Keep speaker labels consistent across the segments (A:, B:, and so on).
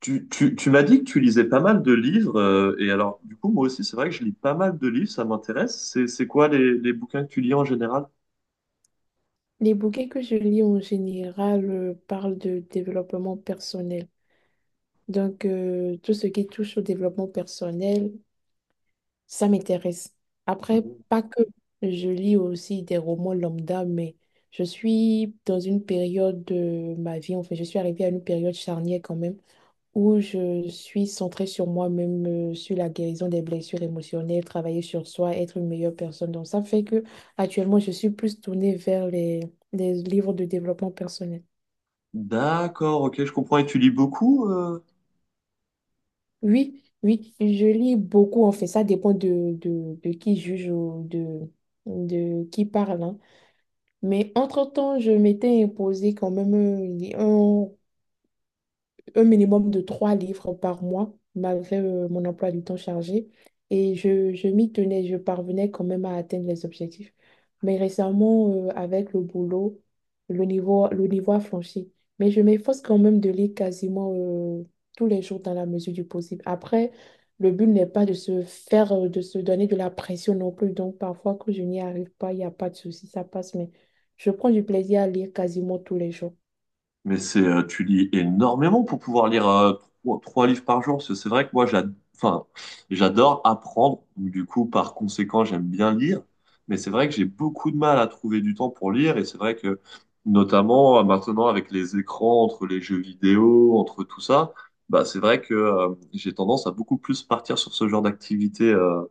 A: Tu m'as dit que tu lisais pas mal de livres, et alors du coup moi aussi c'est vrai que je lis pas mal de livres, ça m'intéresse. C'est quoi les bouquins que tu lis en général?
B: Les bouquins que je lis en général parlent de développement personnel. Donc, tout ce qui touche au développement personnel, ça m'intéresse. Après,
A: Mhm.
B: pas que je lis aussi des romans lambda, mais je suis dans une période de ma vie, enfin, je suis arrivée à une période charnière quand même où je suis centrée sur moi-même, sur la guérison des blessures émotionnelles, travailler sur soi, être une meilleure personne. Donc ça fait que actuellement, je suis plus tournée vers les livres de développement personnel.
A: D'accord, ok, je comprends. Et tu lis beaucoup?
B: Oui, oui, je lis beaucoup en fait. Ça dépend de qui juge ou de qui parle. Hein. Mais entre-temps, je m'étais imposé quand même un minimum de trois livres par mois, malgré mon emploi du temps chargé. Et je m'y tenais, je parvenais quand même à atteindre les objectifs. Mais récemment, avec le boulot, le niveau a flanché. Mais je m'efforce quand même de lire quasiment tous les jours dans la mesure du possible. Après, le but n'est pas de se donner de la pression non plus. Donc, parfois, quand je n'y arrive pas, il n'y a pas de souci, ça passe. Mais je prends du plaisir à lire quasiment tous les jours.
A: Mais c'est, tu lis énormément pour pouvoir lire trois livres par jour. Parce que c'est vrai que moi, enfin, j'adore apprendre. Donc, du coup, par conséquent, j'aime bien lire. Mais c'est vrai que j'ai beaucoup de mal à trouver du temps pour lire. Et c'est vrai que, notamment maintenant, avec les écrans, entre les jeux vidéo, entre tout ça, bah, c'est vrai que j'ai tendance à beaucoup plus partir sur ce genre d'activité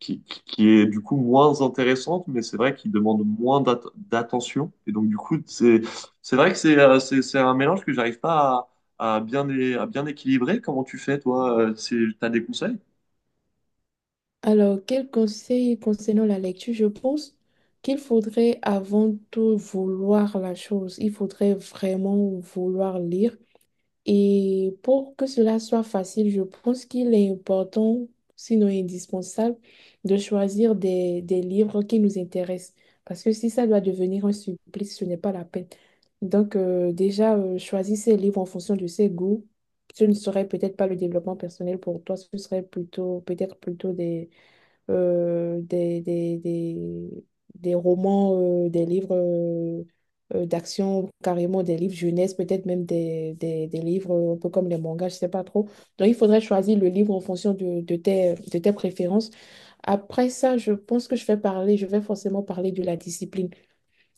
A: qui est du coup moins intéressante, mais c'est vrai qu'il demande moins d'attention. Et donc, du coup, c'est vrai que c'est c'est un mélange que j'arrive pas à, à bien, à bien équilibrer. Comment tu fais, toi? T'as des conseils?
B: Alors, quel conseil concernant la lecture? Je pense qu'il faudrait avant tout vouloir la chose. Il faudrait vraiment vouloir lire. Et pour que cela soit facile, je pense qu'il est important, sinon indispensable, de choisir des livres qui nous intéressent. Parce que si ça doit devenir un supplice, ce n'est pas la peine. Donc, déjà, choisir ces livres en fonction de ses goûts. Ce ne serait peut-être pas le développement personnel pour toi, ce serait plutôt, peut-être plutôt euh, des, des, des, des romans, des livres d'action, carrément des livres jeunesse, peut-être même des livres un peu comme les mangas, je sais pas trop. Donc, il faudrait choisir le livre en fonction de tes préférences. Après ça, je pense que je vais forcément parler de la discipline.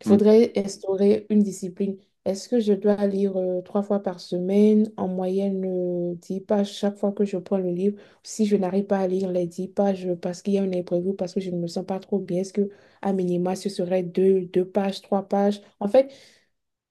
B: Il faudrait instaurer une discipline. Est-ce que je dois lire trois fois par semaine, en moyenne 10 pages chaque fois que je prends le livre? Si je n'arrive pas à lire les 10 pages parce qu'il y a un imprévu, parce que je ne me sens pas trop bien, est-ce que à minima ce serait deux pages, trois pages? En fait,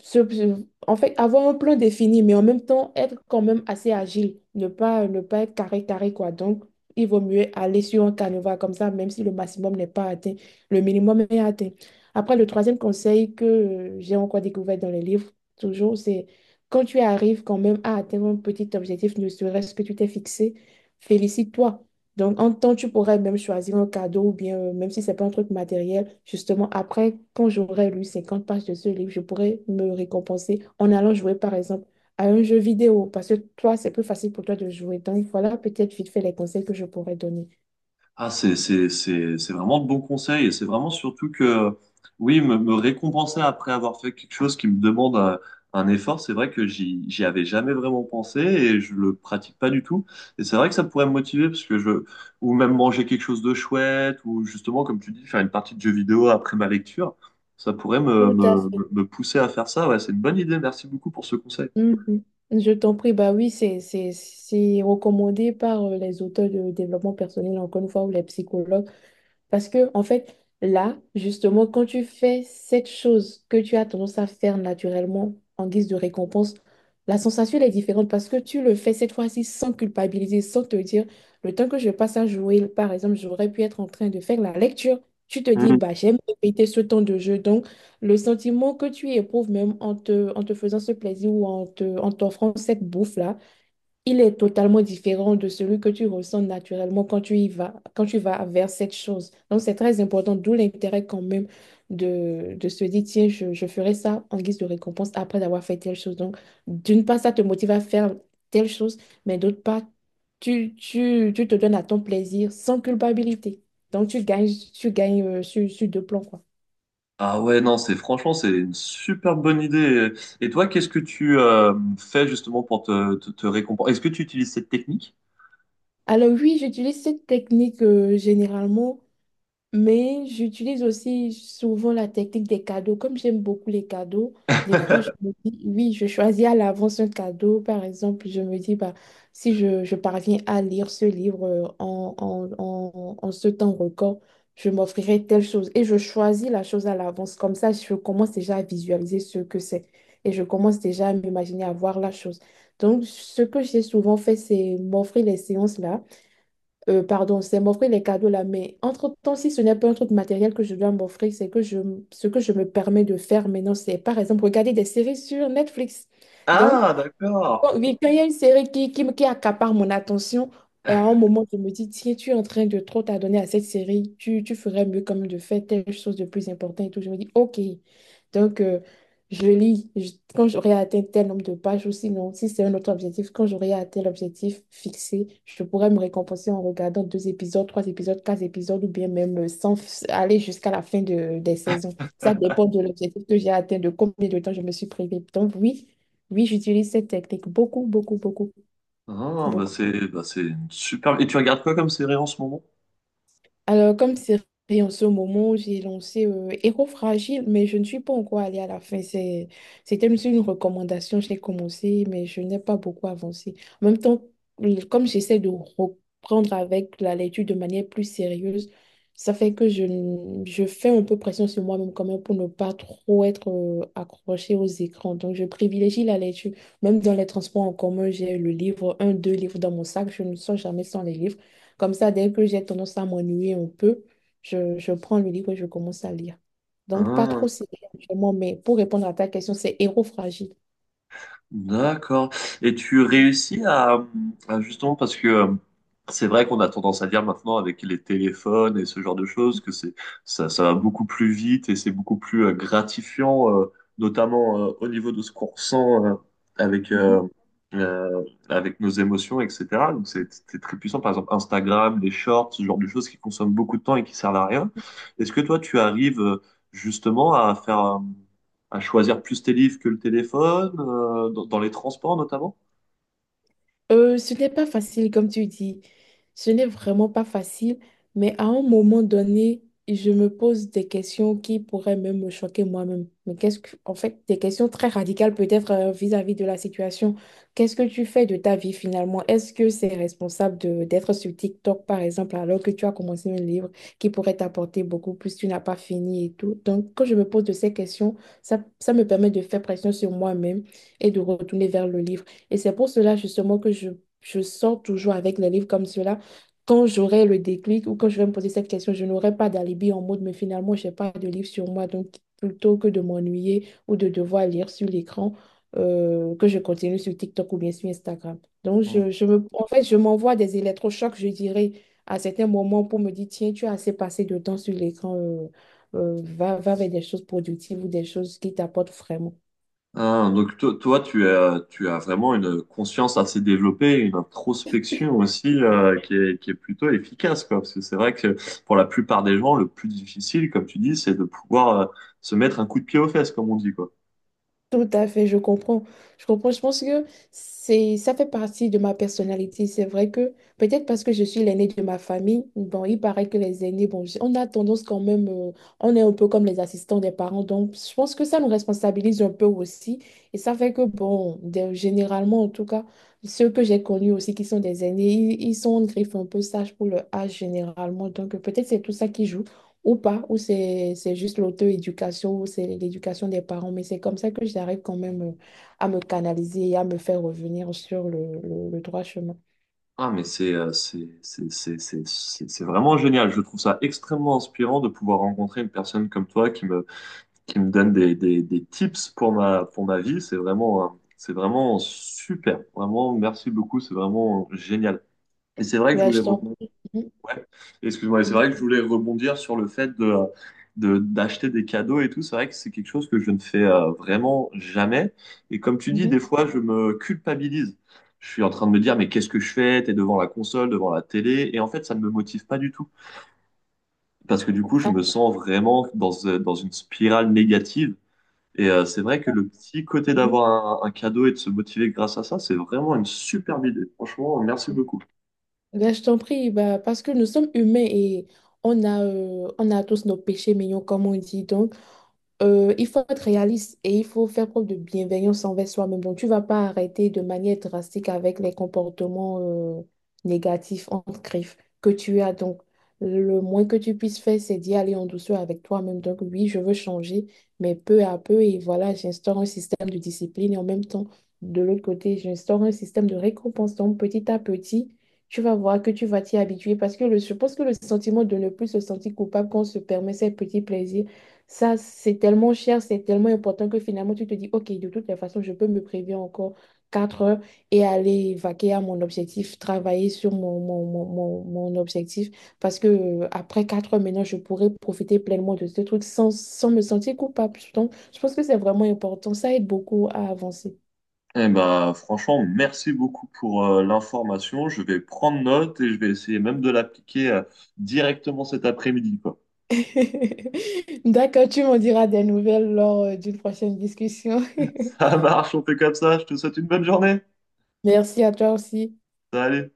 B: en fait, avoir un plan défini, mais en même temps être quand même assez agile, ne pas être carré, carré, quoi. Donc, il vaut mieux aller sur un canevas comme ça, même si le maximum n'est pas atteint, le minimum est atteint. Après, le troisième conseil que j'ai encore découvert dans les livres, toujours, c'est quand tu arrives quand même à atteindre un petit objectif, ne serait-ce que tu t'es fixé, félicite-toi. Donc, en temps, tu pourrais même choisir un cadeau ou bien, même si c'est pas un truc matériel, justement, après, quand j'aurai lu 50 pages de ce livre, je pourrais me récompenser en allant jouer, par exemple, à un jeu vidéo, parce que toi, c'est plus facile pour toi de jouer. Donc, voilà peut-être vite fait les conseils que je pourrais donner.
A: Ah, c'est vraiment de bons conseils et c'est vraiment surtout que, oui, me récompenser après avoir fait quelque chose qui me demande un effort, c'est vrai que j'y avais jamais vraiment pensé et je le pratique pas du tout. Et c'est vrai que ça pourrait me motiver parce que je, ou même manger quelque chose de chouette ou justement, comme tu dis, faire une partie de jeu vidéo après ma lecture, ça pourrait
B: Tout à fait.
A: me pousser à faire ça. Ouais, c'est une bonne idée. Merci beaucoup pour ce conseil.
B: Mhm. Je t'en prie, bah oui, c'est recommandé par les auteurs de développement personnel, encore une fois, ou les psychologues. Parce que, en fait, là, justement, quand tu fais cette chose que tu as tendance à faire naturellement en guise de récompense, la sensation, elle est différente parce que tu le fais cette fois-ci sans culpabiliser, sans te dire, le temps que je passe à jouer, par exemple, j'aurais pu être en train de faire la lecture. Tu te dis, bah, j'aime répéter ce temps de jeu. Donc, le sentiment que tu éprouves même en te faisant ce plaisir ou en t'offrant cette bouffe-là, il est totalement différent de celui que tu ressens naturellement quand tu y vas, quand tu vas vers cette chose. Donc, c'est très important, d'où l'intérêt quand même de se dire, tiens, je ferai ça en guise de récompense après d'avoir fait telle chose. Donc, d'une part, ça te motive à faire telle chose, mais d'autre part, tu te donnes à ton plaisir sans culpabilité. Donc, tu gagnes sur deux plans, quoi.
A: Ah ouais, non, c'est franchement, c'est une super bonne idée. Et toi, qu'est-ce que tu fais justement pour te récompenser? Est-ce que tu utilises cette technique?
B: Alors oui, j'utilise cette technique généralement. Mais j'utilise aussi souvent la technique des cadeaux. Comme j'aime beaucoup les cadeaux, des fois je me dis, oui, je choisis à l'avance un cadeau. Par exemple, je me dis, bah, si je parviens à lire ce livre en ce temps record, je m'offrirai telle chose. Et je choisis la chose à l'avance. Comme ça, je commence déjà à visualiser ce que c'est. Et je commence déjà à m'imaginer avoir la chose. Donc, ce que j'ai souvent fait, c'est m'offrir les séances là pardon, c'est m'offrir les cadeaux là, mais entre-temps, si ce n'est pas un truc matériel que je dois m'offrir, c'est que ce que je me permets de faire maintenant, c'est par exemple regarder des séries sur Netflix. Donc,
A: Ah,
B: bon,
A: d'accord.
B: oui, quand il y a une série qui accapare mon attention, et à un moment, je me dis, tiens, tu es en train de trop t'adonner à cette série, tu ferais mieux quand même de faire telle chose de plus importante et tout. Je me dis, OK. Donc, je lis Je- quand j'aurai atteint tel nombre de pages ou sinon, si c'est un autre objectif, quand j'aurai atteint l'objectif fixé, je pourrais me récompenser en regardant deux épisodes, trois épisodes, quatre épisodes ou bien même sans f- aller jusqu'à la fin des saisons. Ça dépend de l'objectif que j'ai atteint, de combien de temps je me suis privée. Donc, oui. Oui, j'utilise cette technique beaucoup, beaucoup, beaucoup,
A: Ah,
B: beaucoup.
A: bah c'est une super. Et tu regardes quoi comme série en ce moment?
B: Alors, comme série en ce moment, j'ai lancé Héros Fragile, mais je ne suis pas encore allée à la fin. C'est, c'était juste une recommandation, j'ai commencé, mais je n'ai pas beaucoup avancé. En même temps, comme j'essaie de reprendre avec la lecture de manière plus sérieuse, ça fait que je fais un peu pression sur moi-même quand même pour ne pas trop être accrochée aux écrans. Donc, je privilégie la lecture. Même dans les transports en commun, j'ai le livre, un, deux livres dans mon sac. Je ne sors jamais sans les livres. Comme ça, dès que j'ai tendance à m'ennuyer un peu, je prends le livre et je commence à lire. Donc, pas trop
A: Ah.
B: série actuellement, mais pour répondre à ta question, c'est Héros fragile.
A: D'accord. Et tu réussis à justement parce que c'est vrai qu'on a tendance à dire maintenant avec les téléphones et ce genre de choses que c'est ça, ça va beaucoup plus vite et c'est beaucoup plus gratifiant, notamment au niveau de ce qu'on ressent avec
B: Mhm.
A: euh, avec nos émotions, etc. Donc c'est très puissant. Par exemple Instagram, les shorts, ce genre de choses qui consomment beaucoup de temps et qui servent à rien. Est-ce que toi tu arrives justement à faire à choisir plus tes livres que le téléphone, dans, dans les transports notamment.
B: Ce n'est pas facile, comme tu dis. Ce n'est vraiment pas facile, mais à un moment donné, je me pose des questions qui pourraient même me choquer moi-même. Mais qu'est-ce que, en fait, des questions très radicales peut-être vis-à-vis de la situation. Qu'est-ce que tu fais de ta vie finalement? Est-ce que c'est responsable de d'être sur TikTok, par exemple, alors que tu as commencé un livre qui pourrait t'apporter beaucoup plus, tu n'as pas fini et tout? Donc, quand je me pose de ces questions, ça me permet de faire pression sur moi-même et de retourner vers le livre. Et c'est pour cela justement que je sors toujours avec les livres comme cela. Quand j'aurai le déclic ou quand je vais me poser cette question, je n'aurai pas d'alibi en mode, mais finalement, je n'ai pas de livre sur moi. Donc, plutôt que de m'ennuyer ou de devoir lire sur l'écran, que je continue sur TikTok ou bien sur Instagram. Donc,
A: Mm.
B: je me, en fait, je m'envoie des électrochocs, je dirais, à certains moments pour me dire, tiens, tu as assez passé de temps sur l'écran, va vers des choses productives ou des choses qui t'apportent vraiment.
A: Ah, donc toi, tu as vraiment une conscience assez développée, une introspection aussi qui est plutôt efficace, quoi. Parce que c'est vrai que pour la plupart des gens, le plus difficile, comme tu dis, c'est de pouvoir se mettre un coup de pied aux fesses, comme on dit, quoi.
B: Tout à fait, je comprends. Je comprends. Je pense que c'est, ça fait partie de ma personnalité. C'est vrai que peut-être parce que je suis l'aînée de ma famille, bon, il paraît que les aînés, bon, on a tendance quand même, on est un peu comme les assistants des parents. Donc, je pense que ça nous responsabilise un peu aussi. Et ça fait que, bon, généralement, en tout cas, ceux que j'ai connus aussi qui sont des aînés, ils sont en griffe un peu sage pour le âge généralement. Donc, peut-être c'est tout ça qui joue ou pas, ou c'est juste l'auto-éducation, ou c'est l'éducation des parents, mais c'est comme ça que j'arrive quand même à me canaliser et à me faire revenir sur le droit chemin.
A: Ah, mais c'est c'est vraiment génial. Je trouve ça extrêmement inspirant de pouvoir rencontrer une personne comme toi qui me donne des tips pour pour ma vie. C'est vraiment super. Vraiment, merci beaucoup. C'est vraiment génial. Et c'est vrai que je
B: Bah,
A: voulais
B: je t'en...
A: rebondir.
B: Mhm,
A: Ouais, excuse-moi. Et c'est vrai que je voulais rebondir sur le fait de, d'acheter des cadeaux et tout. C'est vrai que c'est quelque chose que je ne fais vraiment jamais. Et comme tu dis, des
B: mhm.
A: fois, je me culpabilise. Je suis en train de me dire, mais qu'est-ce que je fais? T'es devant la console, devant la télé. Et en fait, ça ne me motive pas du tout. Parce que du coup, je me
B: Ah,
A: sens vraiment dans, dans une spirale négative et c'est vrai que le petit côté
B: mhm.
A: d'avoir un cadeau et de se motiver grâce à ça, c'est vraiment une superbe idée. Franchement, merci beaucoup.
B: Ben, je t'en prie, ben, parce que nous sommes humains et on a tous nos péchés mignons, comme on dit. Donc, il faut être réaliste et il faut faire preuve de bienveillance envers soi-même. Donc, tu vas pas arrêter de manière drastique avec les comportements euh, négatifs, entre griffes, que tu as. Donc, le moins que tu puisses faire, c'est d'y aller en douceur avec toi-même. Donc, oui, je veux changer, mais peu à peu, et voilà, j'instaure un système de discipline et en même temps, de l'autre côté, j'instaure un système de récompense. Donc, petit à petit, tu vas voir que tu vas t'y habituer parce que je pense que le sentiment de ne plus se sentir coupable quand on se permet ces petits plaisirs, ça, c'est tellement cher, c'est tellement important que finalement, tu te dis, OK, de toutes les façons, je peux me prévenir encore 4 heures et aller vaquer à mon objectif, travailler sur mon objectif. Parce que après 4 heures, maintenant, je pourrais profiter pleinement de ce truc sans me sentir coupable. Donc, je pense que c'est vraiment important. Ça aide beaucoup à avancer.
A: Eh ben, franchement, merci beaucoup pour l'information. Je vais prendre note et je vais essayer même de l'appliquer directement cet après-midi, quoi.
B: D'accord, tu m'en diras des nouvelles lors d'une prochaine discussion.
A: Ça marche, on fait comme ça. Je te souhaite une bonne journée.
B: Merci à toi aussi.
A: Salut.